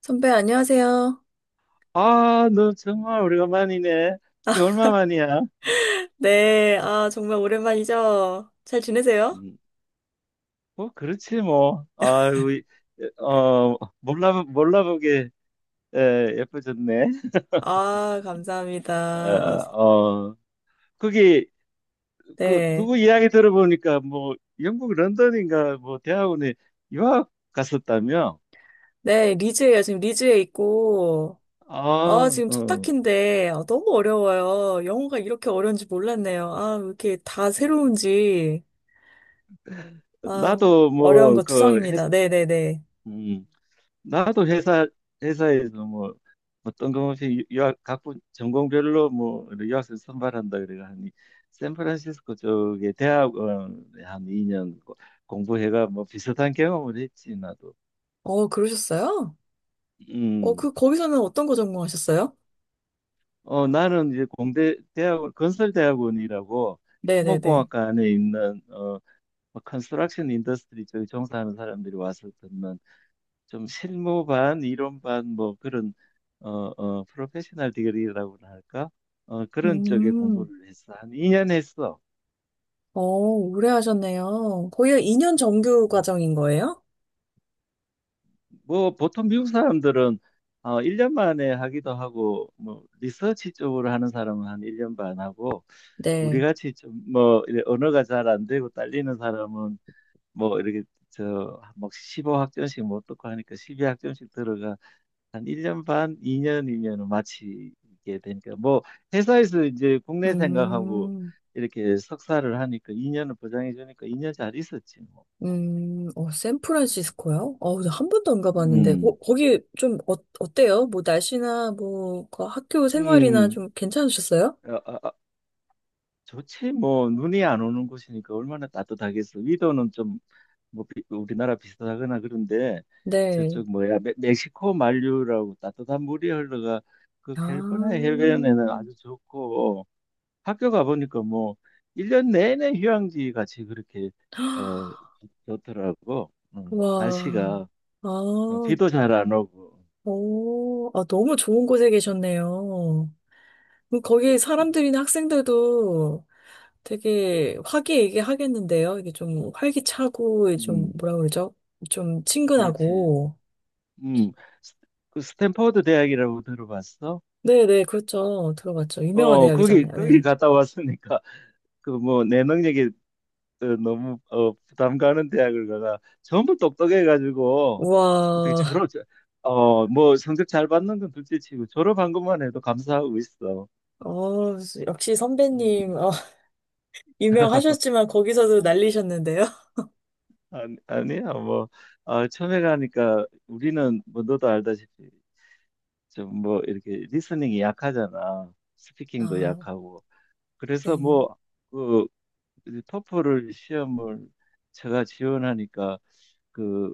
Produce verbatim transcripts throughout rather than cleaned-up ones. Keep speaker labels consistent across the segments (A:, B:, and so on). A: 선배, 안녕하세요.
B: 아, 너 정말 오래간만이네. 이게 얼마 만이야?
A: 네, 아, 정말 오랜만이죠? 잘 지내세요?
B: 음, 뭐, 그렇지, 뭐. 아유, 이- 어, 몰라, 몰라보게 에, 예뻐졌네.
A: 아,
B: 어,
A: 감사합니다. 어,
B: 어, 거기, 그,
A: 네.
B: 누구 이야기 들어보니까, 뭐, 영국 런던인가, 뭐, 대학원에 유학 갔었다며?
A: 네, 리즈예요. 지금 리즈에 있고, 아,
B: 아,
A: 지금 첫
B: 어.
A: 학기인데, 아, 너무 어려워요. 영어가 이렇게 어려운지 몰랐네요. 아, 왜 이렇게 다 새로운지, 아,
B: 나도,
A: 어려운
B: 뭐,
A: 거
B: 그, 했,
A: 투성입니다. 네네네.
B: 음. 나도 회사 회사에서 뭐 어떤 것이 유학 각 분- 전공별로 뭐 유학생 선발한다 그래가 하니 샌프란시스코 쪽에 대학원에 한 이 년 공부해가 뭐 비슷한 경험을 했지 나도.
A: 어, 그러셨어요? 어,
B: 음.
A: 그, 거기서는 어떤 거 전공하셨어요?
B: 어 나는 이제 공대 대학원 건설대학원이라고
A: 네네네.
B: 토목공학과 안에 있는 어뭐 컨스트럭션 인더스트리 쪽에 종사하는 사람들이 와서 듣는 좀 실무 반, 이론 반, 뭐 그런 어, 어, 프로페셔널 디그리라고 할까? 어, 그런 쪽에
A: 음,
B: 공부를 했어. 한 이 년 했어.
A: 어, 오래 하셨네요. 거의 이 년 정규
B: 음.
A: 과정인 거예요?
B: 뭐 보통 미국 사람들은 어, 일 년 만에 하기도 하고, 뭐 리서치 쪽으로 하는 사람은 한 일 년 반 하고, 우리
A: 네.
B: 같이 좀 뭐 언어가 잘 안 되고 딸리는 사람은 뭐 이렇게 저막 십오 학점씩 못 듣고 하니까 십이 학점씩 들어가고 한 일 년 반, 이 년이면 마치게 되니까, 뭐 회사에서 이제 국내 생각하고
A: 음,
B: 이렇게 석사를 하니까 이 년을 보장해 주니까 이 년 잘 있었지, 뭐.
A: 음, 어, 샌프란시스코요? 어, 나한 번도 안 가봤는데, 거,
B: 음.
A: 거기 좀 어, 어때요? 뭐 날씨나 뭐 그 학교 생활이나
B: 음.
A: 좀 괜찮으셨어요?
B: 아, 아, 아, 좋지 뭐. 눈이 안 오는 곳이니까 얼마나 따뜻하겠어. 위도는 좀 뭐 우리나라 비슷하거나 그런데,
A: 네.
B: 저쪽 뭐야 멕- 멕시코 만류라고 따뜻한 물이 흘러가 그
A: 아,
B: 캘리포니아 해변에는 아주 좋고, 학교 가보니까 뭐, 일 년 내내 휴양지 같이 그렇게, 어, 좋더라고. 음,
A: 와,
B: 날씨가, 어,
A: 아,
B: 비도 잘 안 오고.
A: 오, 아, 너무 좋은 곳에 계셨네요. 그럼 거기 사람들이나 학생들도 되게 화기애애하겠는데요? 이게 좀 활기차고, 좀
B: 음,
A: 뭐라 그러죠? 좀
B: 그렇지.
A: 친근하고.
B: 음, 스- 그 스탠퍼드 대학이라고 들어봤어?
A: 네네, 그렇죠. 들어봤죠. 유명한
B: 어, 거기,
A: 대학이잖아요.
B: 거기
A: 네.
B: 갔다 왔으니까, 그 뭐, 내 능력이 어, 너무, 어, 부담 가는 대학을 가가 전부 똑똑해가지고, 어떻게
A: 우와,
B: 졸업, 어, 뭐, 성적 잘 받는 건 둘째 치고, 졸업한 것만 해도 감사하고 있어.
A: 어, 역시 선배님,
B: 음.
A: 어, 유명하셨지만 거기서도 날리셨는데요.
B: 아니, 아니야 뭐, 아, 처음에 가니까 우리는 뭐 너도 알다시피 좀 뭐 이렇게 리스닝이 약하잖아. 스피킹도
A: 아,
B: 약하고. 그래서
A: 네.
B: 뭐그 토플을 시험을 제가 지원하니까, 그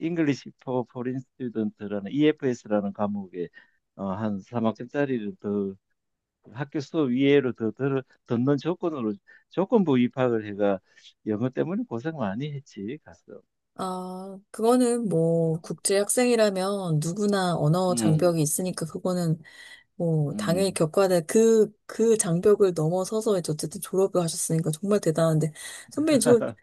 B: English for Foreign Student라는 이에프에스라는 과목에 어, 한 삼 학점짜리를 더, 학교 수업 이외로 더 들, 듣는 조건으로 조건부 입학을 해가 영어 때문에 고생 많이 했지 가서.
A: 아, 그거는 뭐, 국제 학생이라면 누구나 언어
B: 음,
A: 장벽이 있으니까 그거는 뭐, 당연히
B: 음.
A: 겪어야 될 그, 그 장벽을 넘어서서 이제 어쨌든 졸업을 하셨으니까 정말 대단한데. 선배님, 저,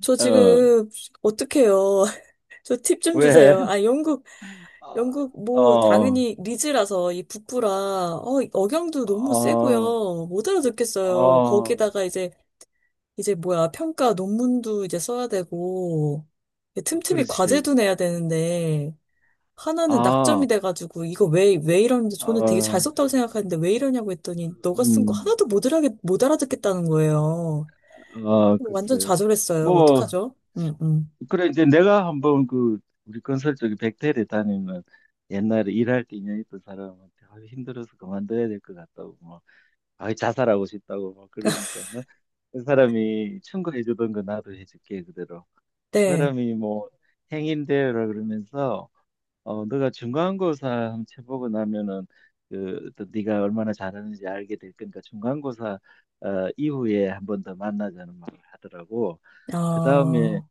A: 저
B: 어,
A: 지금 어떡해요. 저 팁 좀
B: 왜?
A: 주세요. 아, 영국 영국
B: 어,
A: 뭐
B: 어,
A: 당연히 리즈라서 이 북부라 어, 억양도 너무 세고요. 못 알아듣겠어요.
B: 어,
A: 거기다가 이제 이제 뭐야 평가 논문도 이제 써야 되고
B: 어,
A: 틈틈이
B: 그렇지.
A: 과제도 내야 되는데 하나는 낙점이
B: 아,
A: 돼가지고 이거 왜 왜 이러는데 저는 되게 잘
B: 어,
A: 썼다고 생각하는데 왜 이러냐고 했더니 너가 쓴 거
B: 음,
A: 하나도 못 알아듣 못 알아듣겠다는 거예요.
B: 아,
A: 완전
B: 글쎄.
A: 좌절했어요.
B: 뭐,
A: 어떡하죠? 음, 음.
B: 그래, 이제 내가 한번, 그, 우리 건설 쪽에 백태를 다니는, 옛날에 일할 때 인연 있던 사람한테 아, 힘들어서 그만둬야 될 것 같다고, 뭐, 아, 자살하고 싶다고, 막 그러니까. 어? 그 사람이 충고해주던 거 나도 해줄게, 그대로. 그
A: 네.
B: 사람이 뭐, 행인대요라 그러면서, 어, 너가 중간고사 한번 쳐보고 나면은 그 어떤 네가 얼마나 잘하는지 알게 될 거니까 중간고사 어, 이후에 한 번 더 만나자는 말을 하더라고. 그 다음에
A: 아,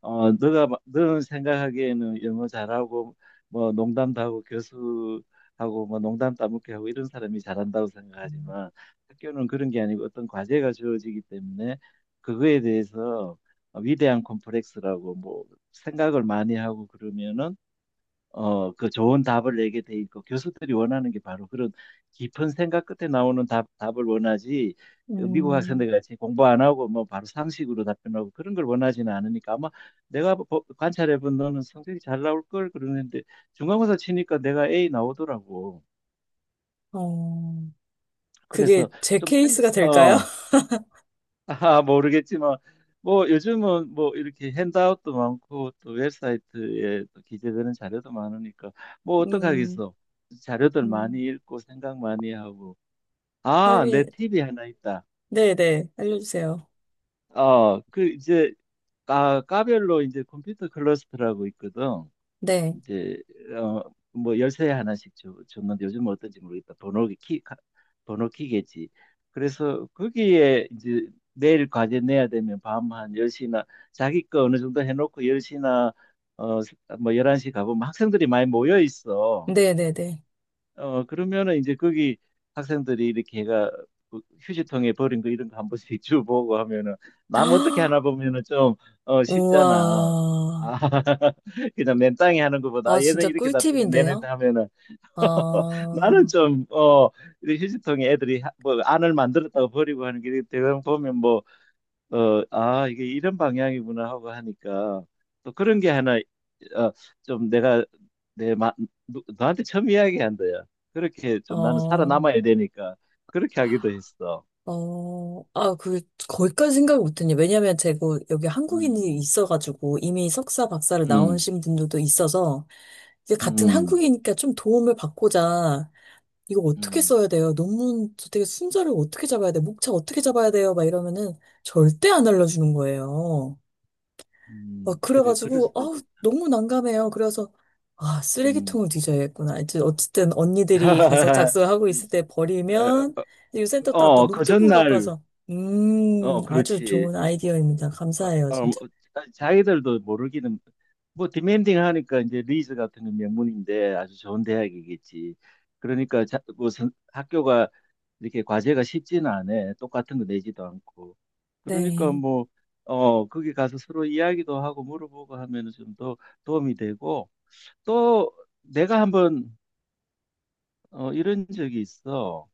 B: 어, 너가 마- 너는 생각하기에는 영어 잘하고 뭐 농담도 하고 교수하고 뭐 농담 따먹기 하고 이런 사람이 잘한다고 생각하지만, 학교는 그런 게 아니고 어떤 과제가 주어지기 때문에 그거에 대해서 위대한 콤플렉스라고 뭐 생각을 많이 하고 그러면은 어, 그 좋은 답을 내게 돼 있고, 교수들이 원하는 게 바로 그런 깊은 생각 끝에 나오는 답, 답을 원하지. 어, 미국
A: 음,
B: 학생들 같이 공부 안 하고 뭐 바로 상식으로 답변하고 그런 걸 원하지는 않으니까 아마 내가 관찰해 본 너는 성적이 잘 나올 걸 그러는데, 중간고사 치니까 내가 A 나오더라고.
A: 어. 그게
B: 그래서
A: 제
B: 좀 생,
A: 케이스가 될까요?
B: 어, 아, 모르겠지만 뭐, 뭐 요즘은 뭐 이렇게 핸드아웃도 많고 또 웹사이트에 또 기재되는 자료도 많으니까 뭐
A: 음,
B: 어떡하겠어. 자료들
A: 음,
B: 많이 읽고 생각 많이 하고. 아, 내
A: 하긴,
B: 팁이 하나 있다.
A: 네네, 알려주세요.
B: 어, 그 이제 아, 까별로 이제 컴퓨터 클러스터라고 있거든.
A: 네,
B: 이제 어, 뭐 열쇠 하나씩 주, 줬는데 요즘은 어떤지 모르겠다. 번호기 키 가- 번호키겠지. 그래서 거기에 이제 내일 과제 내야 되면 밤 한 열 시나, 자기 거 어느 정도 해놓고 열 시나 어 뭐 열한 시 가보면 학생들이 많이 모여 있어.
A: 네네네.
B: 어, 그러면은 이제 거기 학생들이 이렇게 해가 그 휴지통에 버린 거 이런 거 한 번씩 주워보고 하면은 남 어떻게 하나 보면은 좀 어, 쉽잖아. 아,
A: 우와.
B: 그냥 맨땅에 하는 것보다
A: 아,
B: 아, 얘는
A: 진짜
B: 이렇게 답변해 내는
A: 꿀팁인데요?
B: 하면은.
A: 아,
B: 나는 좀 어, 이 휴지통에 애들이 하- 뭐 안을 만들었다고 버리고 하는 게 대강 보면 뭐 어, 아, 이게 이런 방향이구나 하고 하니까 또 그런 게 하나, 어, 좀 내가 내 마, 누, 너한테 처음 이야기한 거야. 그렇게 좀 나는
A: 어,
B: 살아남아야 되니까 그렇게 하기도 했어.
A: 어, 아, 그, 거기까지 생각 못했네. 왜냐면 제가 뭐 여기 한국인이
B: 음,
A: 있어가지고 이미 석사, 박사를
B: 음,
A: 나오신 분들도 있어서 이게 같은
B: 음,
A: 한국이니까 좀 도움을 받고자 이거 어떻게
B: 음,
A: 써야 돼요? 논문 저 되게 순서를 어떻게 잡아야 돼? 목차 어떻게 잡아야 돼요? 막 이러면은 절대 안 알려주는 거예요.
B: 음,
A: 막
B: 그래, 그럴
A: 그래가지고
B: 수도
A: 아우
B: 있겠다.
A: 너무 난감해요. 그래서 아
B: 음.
A: 쓰레기통을 뒤져야겠구나. 이제 어쨌든 언니들이 가서 작성하고 있을 때 버리면 이 센터 또아
B: 어, 그
A: 노트북 갖고
B: 전날,
A: 와서 음
B: 어,
A: 아주
B: 그렇지.
A: 좋은 아이디어입니다. 감사해요
B: 어, 어,
A: 진짜.
B: 자기들도 모르기는 뭐 디멘딩 하니까, 이제 리즈 같은 건 명문인데 아주 좋은 대학이겠지. 그러니까 자, 뭐 선- 학교가 이렇게 과제가 쉽지는 않아. 똑같은 거 내지도 않고. 그러니까
A: 네,
B: 뭐 어, 거기 가서 서로 이야기도 하고 물어보고 하면은 좀 더 도움이 되고, 또 내가 한번 어, 이런 적이 있어.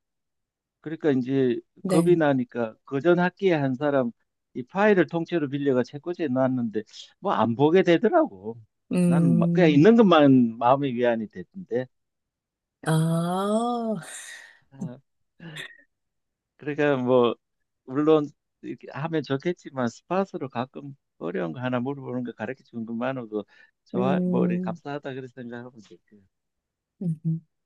B: 그러니까 이제 겁이
A: 네,
B: 나니까 그전 학기에 한 사람 이 파일을 통째로 빌려가 책꽂이에 놨는데 뭐 안 보게 되더라고. 나는 막 그냥
A: 음,
B: 있는 것만 마음의 위안이 됐던데.
A: 아,
B: 아, 그러니까 뭐 물론 이렇게 하면 좋겠지만 스팟으로 가끔 어려운 거 하나 물어보는 거 가르쳐 주는 것만으로도 좋아. 뭐 이렇게
A: 음.
B: 감사하다 그런 생각하면 되고.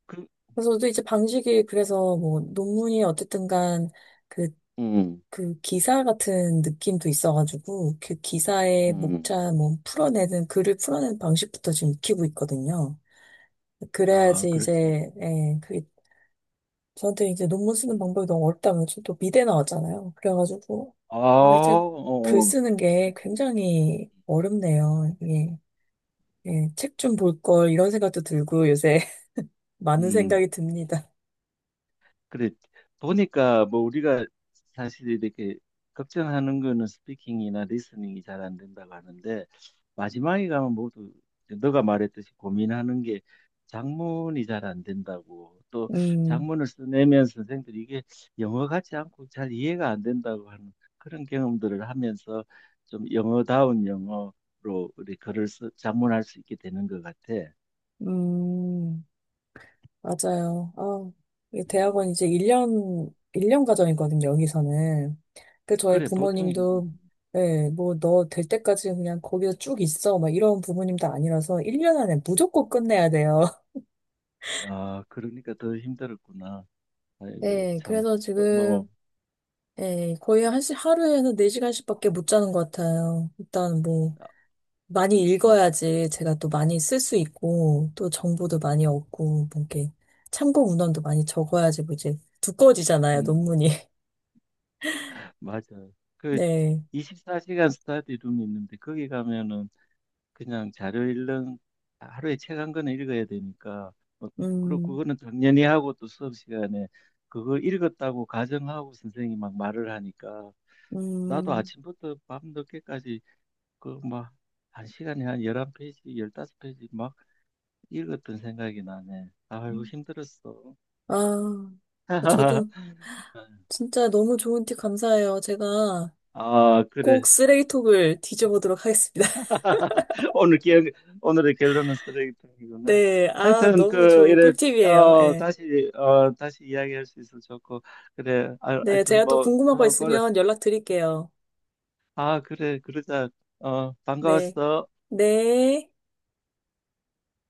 B: 그,
A: 그래서 저도 이제 방식이 그래서 뭐 논문이 어쨌든 간 그,
B: 음,
A: 그 기사 같은 느낌도 있어가지고 그 기사의
B: 음,
A: 목차 뭐 풀어내는 글을 풀어내는 방식부터 지금 익히고 있거든요.
B: 아,
A: 그래야지
B: 그렇지.
A: 이제 예, 그 저한테 이제 논문 쓰는
B: 음.
A: 방법이 너무 어렵다면 저또 미대 나왔잖아요. 그래가지고
B: 아,
A: 아 이제 글
B: 어, 어,
A: 쓰는 게
B: 그렇지.
A: 굉장히 어렵네요. 이게 예, 책 좀 볼 걸 이런 생각도 들고 요새 많은
B: 음.
A: 생각이 듭니다.
B: 그래 보니까 뭐 우리가 사실 이렇게 걱정하는 거는 스피킹이나 리스닝이 잘 안 된다고 하는데, 마지막에 가면 모두 너가 말했듯이 고민하는 게 작문이 잘 안 된다고, 또
A: 음,
B: 작문을 써내면 선생들이 이게 영어 같지 않고 잘 이해가 안 된다고 하는 그런 경험들을 하면서 좀 영어다운 영어로 우리 글을 써, 작문할 수 있게 되는 것 같아.
A: 음. 맞아요. 아, 이 대학원
B: 음.
A: 이제 일 년, 일 년 과정이거든요, 여기서는. 그 저희
B: 그래 보통 이-
A: 부모님도, 예, 뭐, 너 될 때까지 그냥 거기서 쭉 있어. 막 이런 부모님도 아니라서 일 년 안에 무조건 끝내야 돼요.
B: 아 그러니까 더 힘들었구나. 아이고
A: 네.
B: 참.
A: 그래서
B: 어, 뭐
A: 지금, 예, 거의 한 시, 하루에는 네 시간씩밖에 못 자는 것 같아요. 일단 뭐,
B: 아,
A: 많이
B: 음,
A: 읽어야지 제가 또 많이 쓸 수 있고, 또 정보도 많이 얻고,
B: 음,
A: 뭐 이렇게 참고 문헌도 많이 적어야지 뭐 이제 두꺼워지잖아요,
B: 음.
A: 논문이.
B: 맞아. 그
A: 네.
B: 이십사 시간 스터디 룸이 있는데 거기 가면은 그냥 자료 읽는, 하루에 책 한 권을 읽어야 되니까 뭐, 그리고
A: 음,
B: 그거는 당연히 하고, 또 수업 시간에 그거 읽었다고 가정하고 선생님이 막 말을 하니까, 나도
A: 음.
B: 아침부터 밤 늦게까지 그 막 한 시간에 한 십일 페이지, 십오 페이지 막 읽었던 생각이 나네. 아이고 힘들었어.
A: 아, 저도 진짜 너무 좋은 팁 감사해요. 제가
B: 아,
A: 꼭
B: 그래.
A: 쓰레기톡을 뒤져보도록 하겠습니다.
B: 오늘 기억, 오늘의 결론은 쓰레기통이구나.
A: 네, 아,
B: 하여튼,
A: 너무
B: 그,
A: 좋은
B: 이래,
A: 꿀팁이에요.
B: 어,
A: 예.
B: 다시, 어, 다시 이야기할 수 있어서 좋고, 그래. 아,
A: 네,
B: 하여튼,
A: 제가 또
B: 뭐,
A: 궁금한 거
B: 그럼, 그래.
A: 있으면 연락드릴게요.
B: 아, 그래. 그러자. 어,
A: 네,
B: 반가웠어.
A: 네.